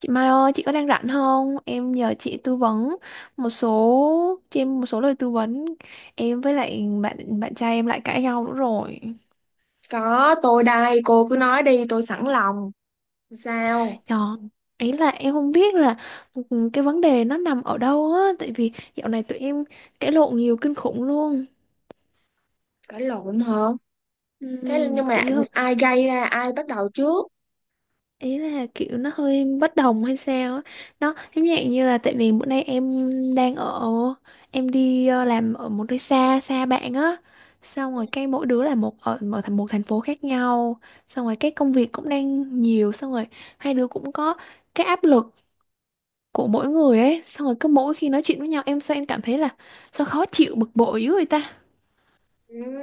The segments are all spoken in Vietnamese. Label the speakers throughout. Speaker 1: Chị Mai ơi, chị có đang rảnh không? Em nhờ chị tư vấn một số cho em một số lời tư vấn. Em với lại bạn bạn trai em lại cãi nhau nữa rồi.
Speaker 2: Có, tôi đây, cô cứ nói đi, tôi sẵn lòng. Sao?
Speaker 1: Đó. Ấy là em không biết là cái vấn đề nó nằm ở đâu á, tại vì dạo này tụi em cãi lộn nhiều kinh khủng luôn.
Speaker 2: Cãi lộn hả? Thế nhưng mà
Speaker 1: Kiểu như
Speaker 2: ai gây ra, ai bắt đầu trước?
Speaker 1: ý là kiểu nó hơi bất đồng hay sao á, nó giống dạng như là tại vì bữa nay em đang ở em đi làm ở một nơi xa xa bạn á, xong rồi cái mỗi đứa là một thành phố khác nhau, xong rồi cái công việc cũng đang nhiều, xong rồi hai đứa cũng có cái áp lực của mỗi người ấy, xong rồi cứ mỗi khi nói chuyện với nhau em sao em cảm thấy là sao khó chịu bực bội dữ vậy ta.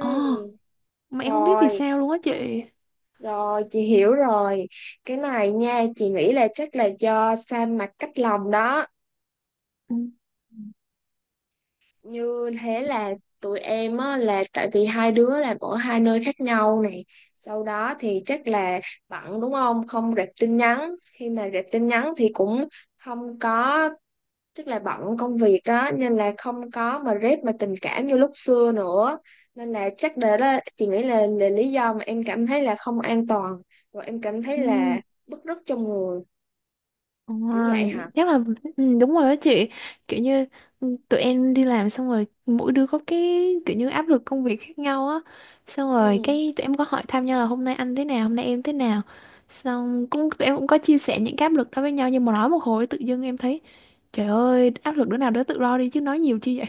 Speaker 1: ồ mà em không biết vì
Speaker 2: rồi,
Speaker 1: sao luôn á chị.
Speaker 2: rồi, chị hiểu rồi. Cái này nha, chị nghĩ là chắc là do sa mặt cách lòng đó.
Speaker 1: Ừ.
Speaker 2: Như thế là tụi em á, là tại vì hai đứa làm ở hai nơi khác nhau này. Sau đó thì chắc là bận đúng không? Không rep tin nhắn. Khi mà rep tin nhắn thì cũng không có, tức là bận công việc đó nên là không có mà rep mà tình cảm như lúc xưa nữa, nên là chắc để đó chị nghĩ là lý do mà em cảm thấy là không an toàn, rồi em cảm
Speaker 1: Ừ.
Speaker 2: thấy là bứt rứt trong người,
Speaker 1: Ờ,
Speaker 2: kiểu vậy hả?
Speaker 1: chắc là ừ, đúng rồi đó chị, kiểu như ừ, tụi em đi làm xong rồi mỗi đứa có cái kiểu như áp lực công việc khác nhau á, xong rồi
Speaker 2: Ừ.
Speaker 1: cái tụi em có hỏi thăm nhau là hôm nay anh thế nào hôm nay em thế nào, xong cũng tụi em có chia sẻ những cái áp lực đó với nhau nhưng mà nói một hồi tự dưng em thấy trời ơi áp lực đứa nào đứa tự lo đi chứ nói nhiều chi vậy.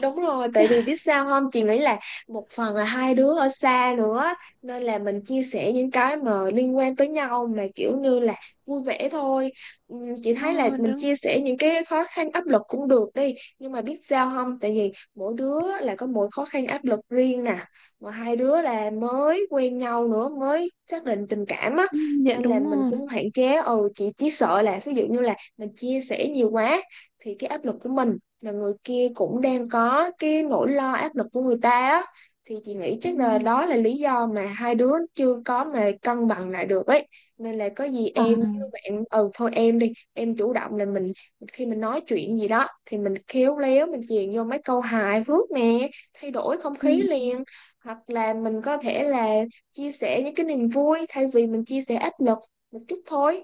Speaker 2: Đúng rồi, tại vì biết sao không? Chị nghĩ là một phần là hai đứa ở xa nữa, nên là mình chia sẻ những cái mà liên quan tới nhau mà kiểu như là vui vẻ thôi. Chị thấy là
Speaker 1: Ờ,
Speaker 2: mình
Speaker 1: đúng.
Speaker 2: chia sẻ những cái khó khăn áp lực cũng được đi, nhưng mà biết sao không? Tại vì mỗi đứa là có mỗi khó khăn áp lực riêng nè, mà hai đứa là mới quen nhau nữa, mới xác định tình cảm á,
Speaker 1: Ừ, Dạ
Speaker 2: nên là
Speaker 1: đúng
Speaker 2: mình
Speaker 1: rồi.
Speaker 2: cũng hạn chế. Ừ, chị chỉ sợ là ví dụ như là mình chia sẻ nhiều quá thì cái áp lực của mình, là người kia cũng đang có cái nỗi lo áp lực của người ta á, thì chị nghĩ
Speaker 1: Ừ.
Speaker 2: chắc là đó là lý do mà hai đứa chưa có mà cân bằng lại được ấy. Nên là có gì
Speaker 1: Ờ.
Speaker 2: em với bạn, ừ thôi em đi em chủ động là mình, khi mình nói chuyện gì đó thì mình khéo léo mình chèn vô mấy câu hài hước nè, thay đổi không
Speaker 1: Ừ.
Speaker 2: khí liền, hoặc là mình có thể là chia sẻ những cái niềm vui thay vì mình chia sẻ áp lực một chút thôi.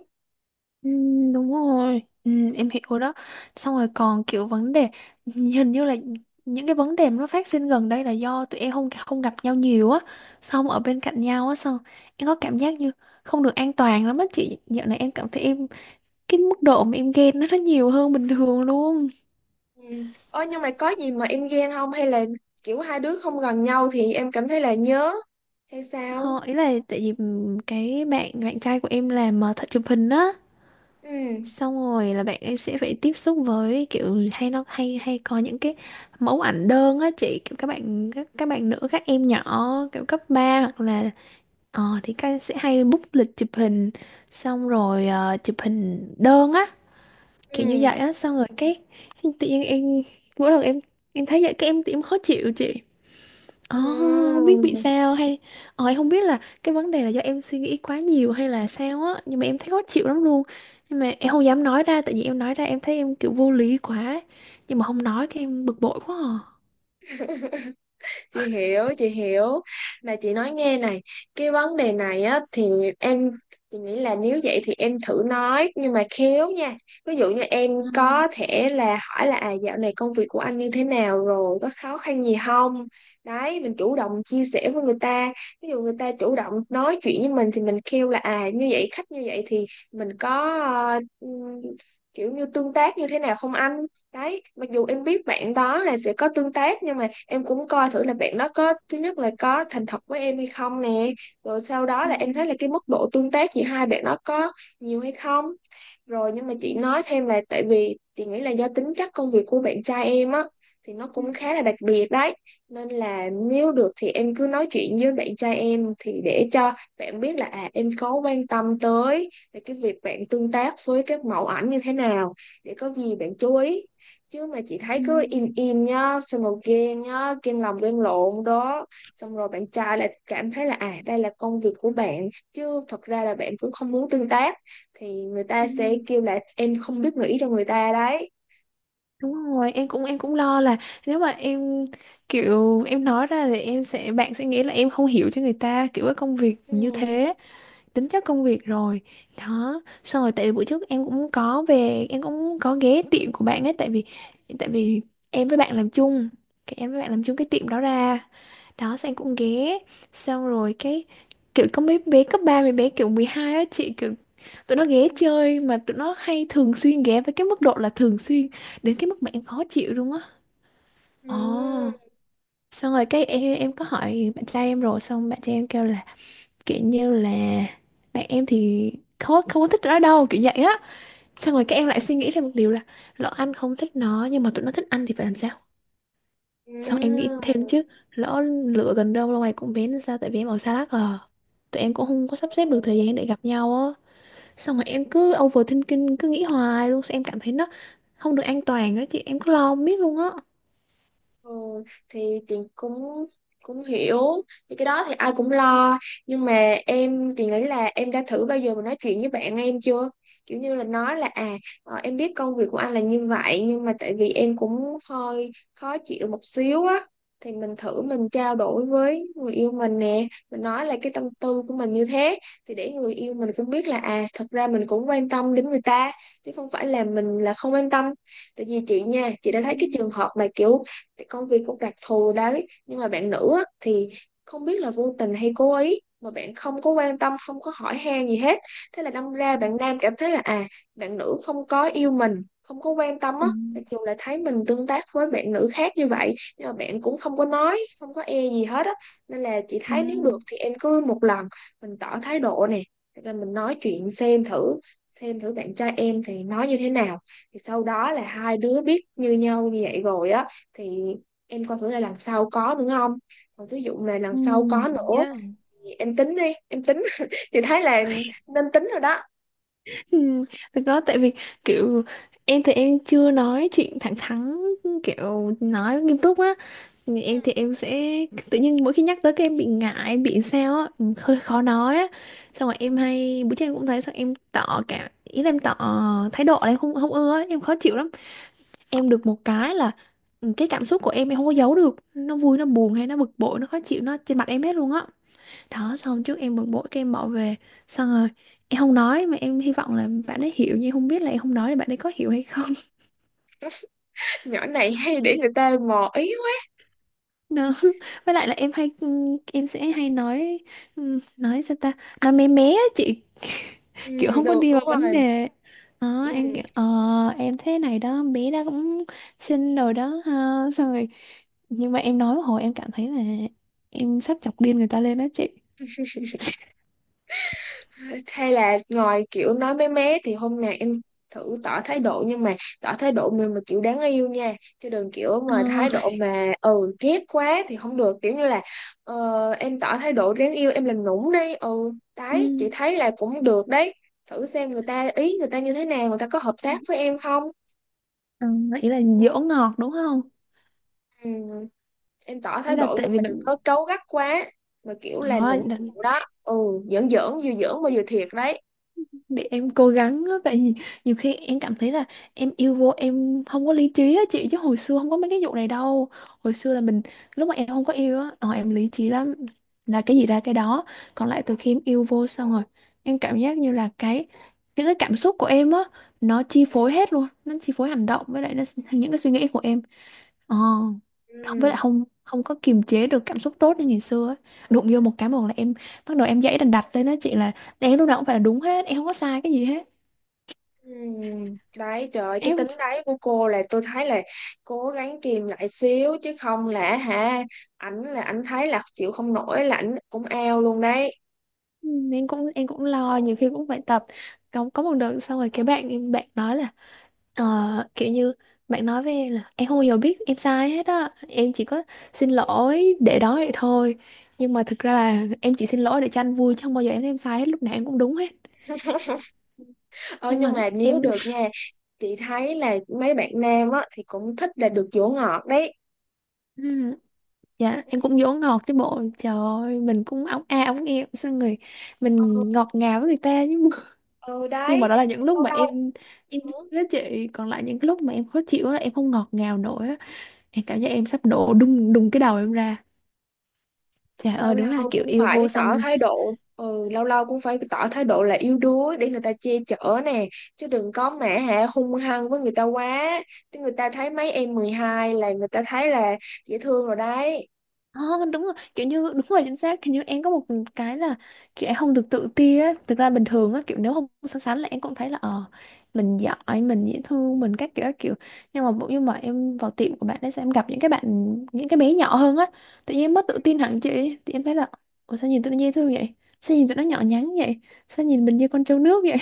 Speaker 1: Ừ, đúng rồi, ừ, em hiểu đó. Xong rồi còn kiểu vấn đề hình như là những cái vấn đề mà nó phát sinh gần đây là do tụi em không không gặp nhau nhiều á, xong ở bên cạnh nhau á, xong em có cảm giác như không được an toàn lắm á chị, dạo này em cảm thấy em cái mức độ mà em ghen nó nhiều hơn bình thường luôn.
Speaker 2: Ừ. Ơ nhưng mà có gì mà em ghen không hay là kiểu hai đứa không gần nhau thì em cảm thấy là nhớ hay sao?
Speaker 1: Ý là tại vì cái bạn bạn trai của em làm thợ chụp hình á,
Speaker 2: Ừ.
Speaker 1: xong rồi là bạn ấy sẽ phải tiếp xúc với kiểu hay nó hay hay có những cái mẫu ảnh đơn á chị, kiểu các bạn nữ, các em nhỏ kiểu cấp 3 hoặc là ờ thì các sẽ hay book lịch chụp hình, xong rồi ờ, chụp hình đơn á, kiểu như
Speaker 2: Ừ.
Speaker 1: vậy á, xong rồi cái tự nhiên em mỗi lần em thấy vậy cái em khó chịu chị. Ồ,
Speaker 2: Ừ.
Speaker 1: Không biết bị sao hay ờ, em không biết là cái vấn đề là do em suy nghĩ quá nhiều hay là sao á nhưng mà em thấy khó chịu lắm luôn, nhưng mà em không dám nói ra tại vì em nói ra em thấy em kiểu vô lý quá, nhưng mà không nói cái em bực bội quá à.
Speaker 2: Chị hiểu, chị hiểu. Mà chị nói nghe này, cái vấn đề này á thì em, chị nghĩ là nếu vậy thì em thử nói nhưng mà khéo nha. Ví dụ như em
Speaker 1: Ờ,
Speaker 2: có thể là hỏi là à dạo này công việc của anh như thế nào rồi có khó khăn gì không, đấy, mình chủ động chia sẻ với người ta. Ví dụ người ta chủ động nói chuyện với mình thì mình kêu là à như vậy khách như vậy thì mình có kiểu như tương tác như thế nào không anh. Đấy, mặc dù em biết bạn đó là sẽ có tương tác nhưng mà em cũng coi thử là bạn đó có, thứ nhất là có thành thật với em hay không nè, rồi sau đó
Speaker 1: ừ,
Speaker 2: là em thấy là cái mức độ tương tác giữa hai bạn đó có nhiều hay không. Rồi nhưng mà
Speaker 1: ừ,
Speaker 2: chị nói thêm là tại vì chị nghĩ là do tính chất công việc của bạn trai em á, thì nó
Speaker 1: ừ,
Speaker 2: cũng khá là đặc biệt đấy. Nên là nếu được thì em cứ nói chuyện với bạn trai em thì để cho bạn biết là à em có quan tâm tới về cái việc bạn tương tác với các mẫu ảnh như thế nào, để có gì bạn chú ý. Chứ mà chị thấy
Speaker 1: ừ,
Speaker 2: cứ im im nhá, xong rồi ghen nhá, ghen lòng ghen lộn đó. Xong rồi bạn trai lại cảm thấy là à đây là công việc của bạn chứ thật ra là bạn cũng không muốn tương tác, thì người ta
Speaker 1: Ừ,
Speaker 2: sẽ kêu là em không biết nghĩ cho người ta đấy.
Speaker 1: Đúng rồi, em cũng lo là nếu mà em kiểu em nói ra thì em sẽ bạn sẽ nghĩ là em không hiểu cho người ta kiểu cái công việc như
Speaker 2: Ừ.
Speaker 1: thế, tính chất công việc rồi. Đó xong rồi tại vì bữa trước em cũng có về em cũng có ghé tiệm của bạn ấy, tại vì em với bạn làm chung cái em với bạn làm chung cái tiệm đó ra, đó xong
Speaker 2: Ừ.
Speaker 1: em cũng ghé, xong rồi cái kiểu có mấy bé cấp 3 mấy bé kiểu 12 á chị, kiểu tụi nó ghé chơi mà tụi nó hay thường xuyên ghé với cái mức độ là thường xuyên đến cái mức mà em khó chịu luôn á.
Speaker 2: Ừ.
Speaker 1: ồ Xong rồi cái em có hỏi bạn trai em rồi xong bạn trai em kêu là kiểu như là bạn em thì không không có thích nó đâu kiểu vậy á, xong rồi các em lại suy nghĩ thêm một điều là lỡ anh không thích nó nhưng mà tụi nó thích anh thì phải làm sao, xong em nghĩ thêm chứ lỡ lựa gần đâu lâu ngày cũng bén làm sao, tại vì em ở xa lắc à, tụi em cũng không có sắp xếp được
Speaker 2: Ừ.
Speaker 1: thời gian để gặp nhau á, xong rồi em cứ overthinking cứ nghĩ hoài luôn, xong em cảm thấy nó không được an toàn á chị, em cứ lo không biết luôn á.
Speaker 2: Ừ, thì chị cũng cũng hiểu, thì cái đó thì ai cũng lo, nhưng mà em thì nghĩ là em đã thử bao giờ mà nói chuyện với bạn em chưa, kiểu như là nói là à em biết công việc của anh là như vậy nhưng mà tại vì em cũng hơi khó chịu một xíu á, thì mình thử mình trao đổi với người yêu mình nè, mình nói là cái tâm tư của mình như thế, thì để người yêu mình cũng biết là à thật ra mình cũng quan tâm đến người ta chứ không phải là mình là không quan tâm. Tại vì chị nha, chị đã thấy cái trường hợp mà kiểu cái công việc cũng đặc thù đấy nhưng mà bạn nữ á, thì không biết là vô tình hay cố ý mà bạn không có quan tâm không có hỏi han gì hết, thế là đâm ra
Speaker 1: Ừ.
Speaker 2: bạn nam cảm thấy là à bạn nữ không có yêu mình không có quan tâm
Speaker 1: Ừ.
Speaker 2: á, mặc dù là thấy mình tương tác với bạn nữ khác như vậy nhưng mà bạn cũng không có nói không có e gì hết á. Nên là chị
Speaker 1: Ừ.
Speaker 2: thấy nếu được thì em cứ một lần mình tỏ thái độ nè, hoặc là mình nói chuyện xem thử, xem thử bạn trai em thì nói như thế nào, thì sau đó là hai đứa biết như nhau như vậy rồi á, thì em coi thử là lần sau có nữa không. Còn ví dụ mà
Speaker 1: Ừ.
Speaker 2: lần sau có nữa
Speaker 1: Ừ.
Speaker 2: thì em tính đi em tính thì thấy là nên tính rồi đó.
Speaker 1: Ừ, thực ra tại vì kiểu em thì em chưa nói chuyện thẳng thắn kiểu nói nghiêm túc á. Thì em thì Em sẽ tự nhiên mỗi khi nhắc tới cái em bị ngại em bị sao á, ừ, hơi khó nói á, xong rồi em hay bữa trước em cũng thấy xong em tỏ cả ý là em tỏ thái độ là em không không ưa á, em khó chịu lắm. Em được một cái là ừ, cái cảm xúc của em không có giấu được, nó vui nó buồn hay nó bực bội nó khó chịu nó trên mặt em hết luôn á. Đó xong trước em bực bội cái em bỏ về xong rồi em không nói mà em hy vọng là bạn ấy hiểu nhưng em không biết là em không nói là bạn ấy có hiểu hay không.
Speaker 2: Nhỏ này hay để người ta mò ý quá.
Speaker 1: Đó, với lại là em hay em sẽ hay nói, nói sao ta, nói mé mé á chị,
Speaker 2: Ừ,
Speaker 1: kiểu không có
Speaker 2: được,
Speaker 1: đi vào
Speaker 2: đúng
Speaker 1: vấn
Speaker 2: rồi.
Speaker 1: đề. Đó em
Speaker 2: Ừ.
Speaker 1: kiểu ờ em thế này đó bé đó cũng xinh rồi đó ha, xong rồi nhưng mà em nói một hồi em cảm thấy là em sắp chọc điên người ta lên đó chị.
Speaker 2: Hay là ngồi kiểu nói mé mé thì hôm nào em thử tỏ thái độ nhưng mà tỏ thái độ mà kiểu đáng yêu nha, chứ đừng kiểu mà
Speaker 1: Ờ,
Speaker 2: thái độ mà ừ ghét quá thì không được, kiểu như là em tỏ thái độ đáng yêu, em làm nũng đi, ừ
Speaker 1: ừ.
Speaker 2: đấy chị thấy là cũng được đấy, thử xem người ta ý người ta như thế nào, người ta có hợp tác với em không.
Speaker 1: Ờ, ý là dỗ ngọt đúng không?
Speaker 2: Ừ, em tỏ
Speaker 1: Ý
Speaker 2: thái
Speaker 1: là
Speaker 2: độ
Speaker 1: tại
Speaker 2: nhưng
Speaker 1: vì
Speaker 2: mà đừng
Speaker 1: bạn
Speaker 2: có cáu gắt quá, mà kiểu là
Speaker 1: Đó,
Speaker 2: nũng
Speaker 1: đ-
Speaker 2: nịu đó. Ừ, giỡn giỡn, vừa giỡn mà vừa thiệt đấy.
Speaker 1: để em cố gắng á, tại vì nhiều khi em cảm thấy là em yêu vô em không có lý trí á chị, chứ hồi xưa không có mấy cái vụ này đâu, hồi xưa là mình lúc mà em không có yêu á ờ, em lý trí lắm, là cái gì ra cái đó, còn lại từ khi em yêu vô xong rồi em cảm giác như là cái những cái cảm xúc của em á nó chi phối hết luôn, nó chi phối hành động với lại nó, những cái suy nghĩ của em. Ờ, không với lại
Speaker 2: Ừ.
Speaker 1: không không có kiềm chế được cảm xúc tốt như ngày xưa ấy. Đụng vô một cái một là em bắt đầu em dãy đành đặt lên đó chị, là em lúc nào cũng phải là đúng hết em không có sai cái gì hết.
Speaker 2: Đấy trời ơi, cái
Speaker 1: em
Speaker 2: tính đấy của cô là tôi thấy là cố gắng kìm lại xíu chứ không là hả, ảnh là ảnh thấy là chịu không nổi là ảnh cũng ao luôn đấy.
Speaker 1: em cũng lo, nhiều khi cũng phải tập, có một đợt xong rồi cái bạn nói là ờ, kiểu như bạn nói với em là em không bao giờ biết em sai hết á, em chỉ có xin lỗi để đó vậy thôi, nhưng mà thực ra là em chỉ xin lỗi để cho anh vui chứ không bao giờ em thấy em sai hết, lúc nào em cũng đúng hết
Speaker 2: Ờ
Speaker 1: nhưng
Speaker 2: nhưng
Speaker 1: mà
Speaker 2: mà nếu
Speaker 1: em.
Speaker 2: được nha, chị thấy là mấy bạn nam á thì cũng thích là được dỗ ngọt đấy.
Speaker 1: Dạ, em cũng dỗ ngọt chứ bộ. Trời ơi, mình cũng ống a ống em xong rồi
Speaker 2: Ừ,
Speaker 1: mình ngọt ngào với người ta nhưng mà,
Speaker 2: ừ
Speaker 1: nhưng mà
Speaker 2: đấy,
Speaker 1: đó là những lúc
Speaker 2: lâu
Speaker 1: mà
Speaker 2: lâu.
Speaker 1: em
Speaker 2: Ừ.
Speaker 1: với chị, còn lại những lúc mà em khó chịu là em không ngọt ngào nổi á. Em cảm giác em sắp nổ đùng đùng cái đầu em ra. Trời
Speaker 2: Lâu
Speaker 1: ơi, đúng là
Speaker 2: lâu
Speaker 1: kiểu
Speaker 2: cũng
Speaker 1: yêu
Speaker 2: phải
Speaker 1: vô
Speaker 2: tỏ
Speaker 1: song.
Speaker 2: thái độ, ừ, lâu lâu cũng phải tỏ thái độ là yếu đuối để người ta che chở nè, chứ đừng có mẹ hả hung hăng với người ta quá, chứ người ta thấy mấy em 12 là người ta thấy là dễ thương rồi đấy.
Speaker 1: Không, đúng rồi, kiểu như đúng rồi chính xác, kiểu như em có một cái là kiểu em không được tự ti á, thực ra bình thường á kiểu nếu không so sánh là em cũng thấy là ờ mình giỏi mình dễ thương mình các kiểu các kiểu, nhưng mà em vào tiệm của bạn ấy sẽ em gặp những cái bạn những cái bé nhỏ hơn á, tự nhiên em mất tự tin hẳn chị, thì em thấy là ủa sao nhìn tụi nó dễ thương vậy, sao nhìn tụi nó nhỏ nhắn vậy, sao nhìn mình như con trâu nước vậy.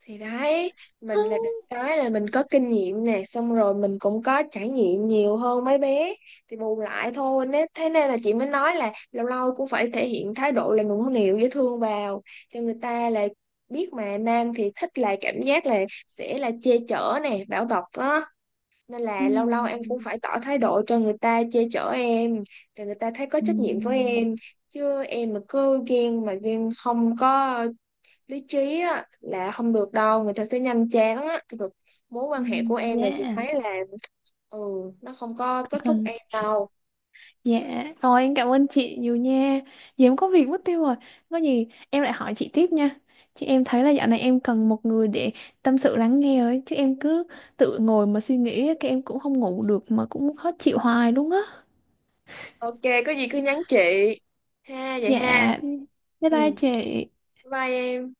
Speaker 2: Thì đấy, mình là được cái là mình có kinh nghiệm nè, xong rồi mình cũng có trải nghiệm nhiều hơn mấy bé, thì bù lại thôi, nên thế nên là chị mới nói là lâu lâu cũng phải thể hiện thái độ là nũng nịu dễ thương vào, cho người ta là biết. Mà nam thì thích là cảm giác là sẽ là che chở nè, bảo bọc đó, nên là lâu lâu em cũng
Speaker 1: Ừm,
Speaker 2: phải tỏ thái độ cho người ta che chở em, rồi người ta thấy có trách nhiệm với
Speaker 1: ừm,
Speaker 2: em. Chứ em mà cứ ghen mà ghen không có lý trí á, là không được đâu, người ta sẽ nhanh chán á. Cái được mối quan hệ của em là chị
Speaker 1: Yeah.
Speaker 2: thấy là, ừ, nó không có kết thúc em đâu.
Speaker 1: Dạ, rồi em cảm ơn chị nhiều nha. Giờ em có việc mất tiêu rồi. Có gì em lại hỏi chị tiếp nha. Chứ em thấy là dạo này em cần một người để tâm sự lắng nghe ấy. Chứ em cứ tự ngồi mà suy nghĩ, cái em cũng không ngủ được mà cũng khó chịu hoài luôn á.
Speaker 2: Ok, có gì cứ nhắn chị ha, vậy ha.
Speaker 1: Dạ, bye
Speaker 2: Ừ,
Speaker 1: bye chị.
Speaker 2: bye em.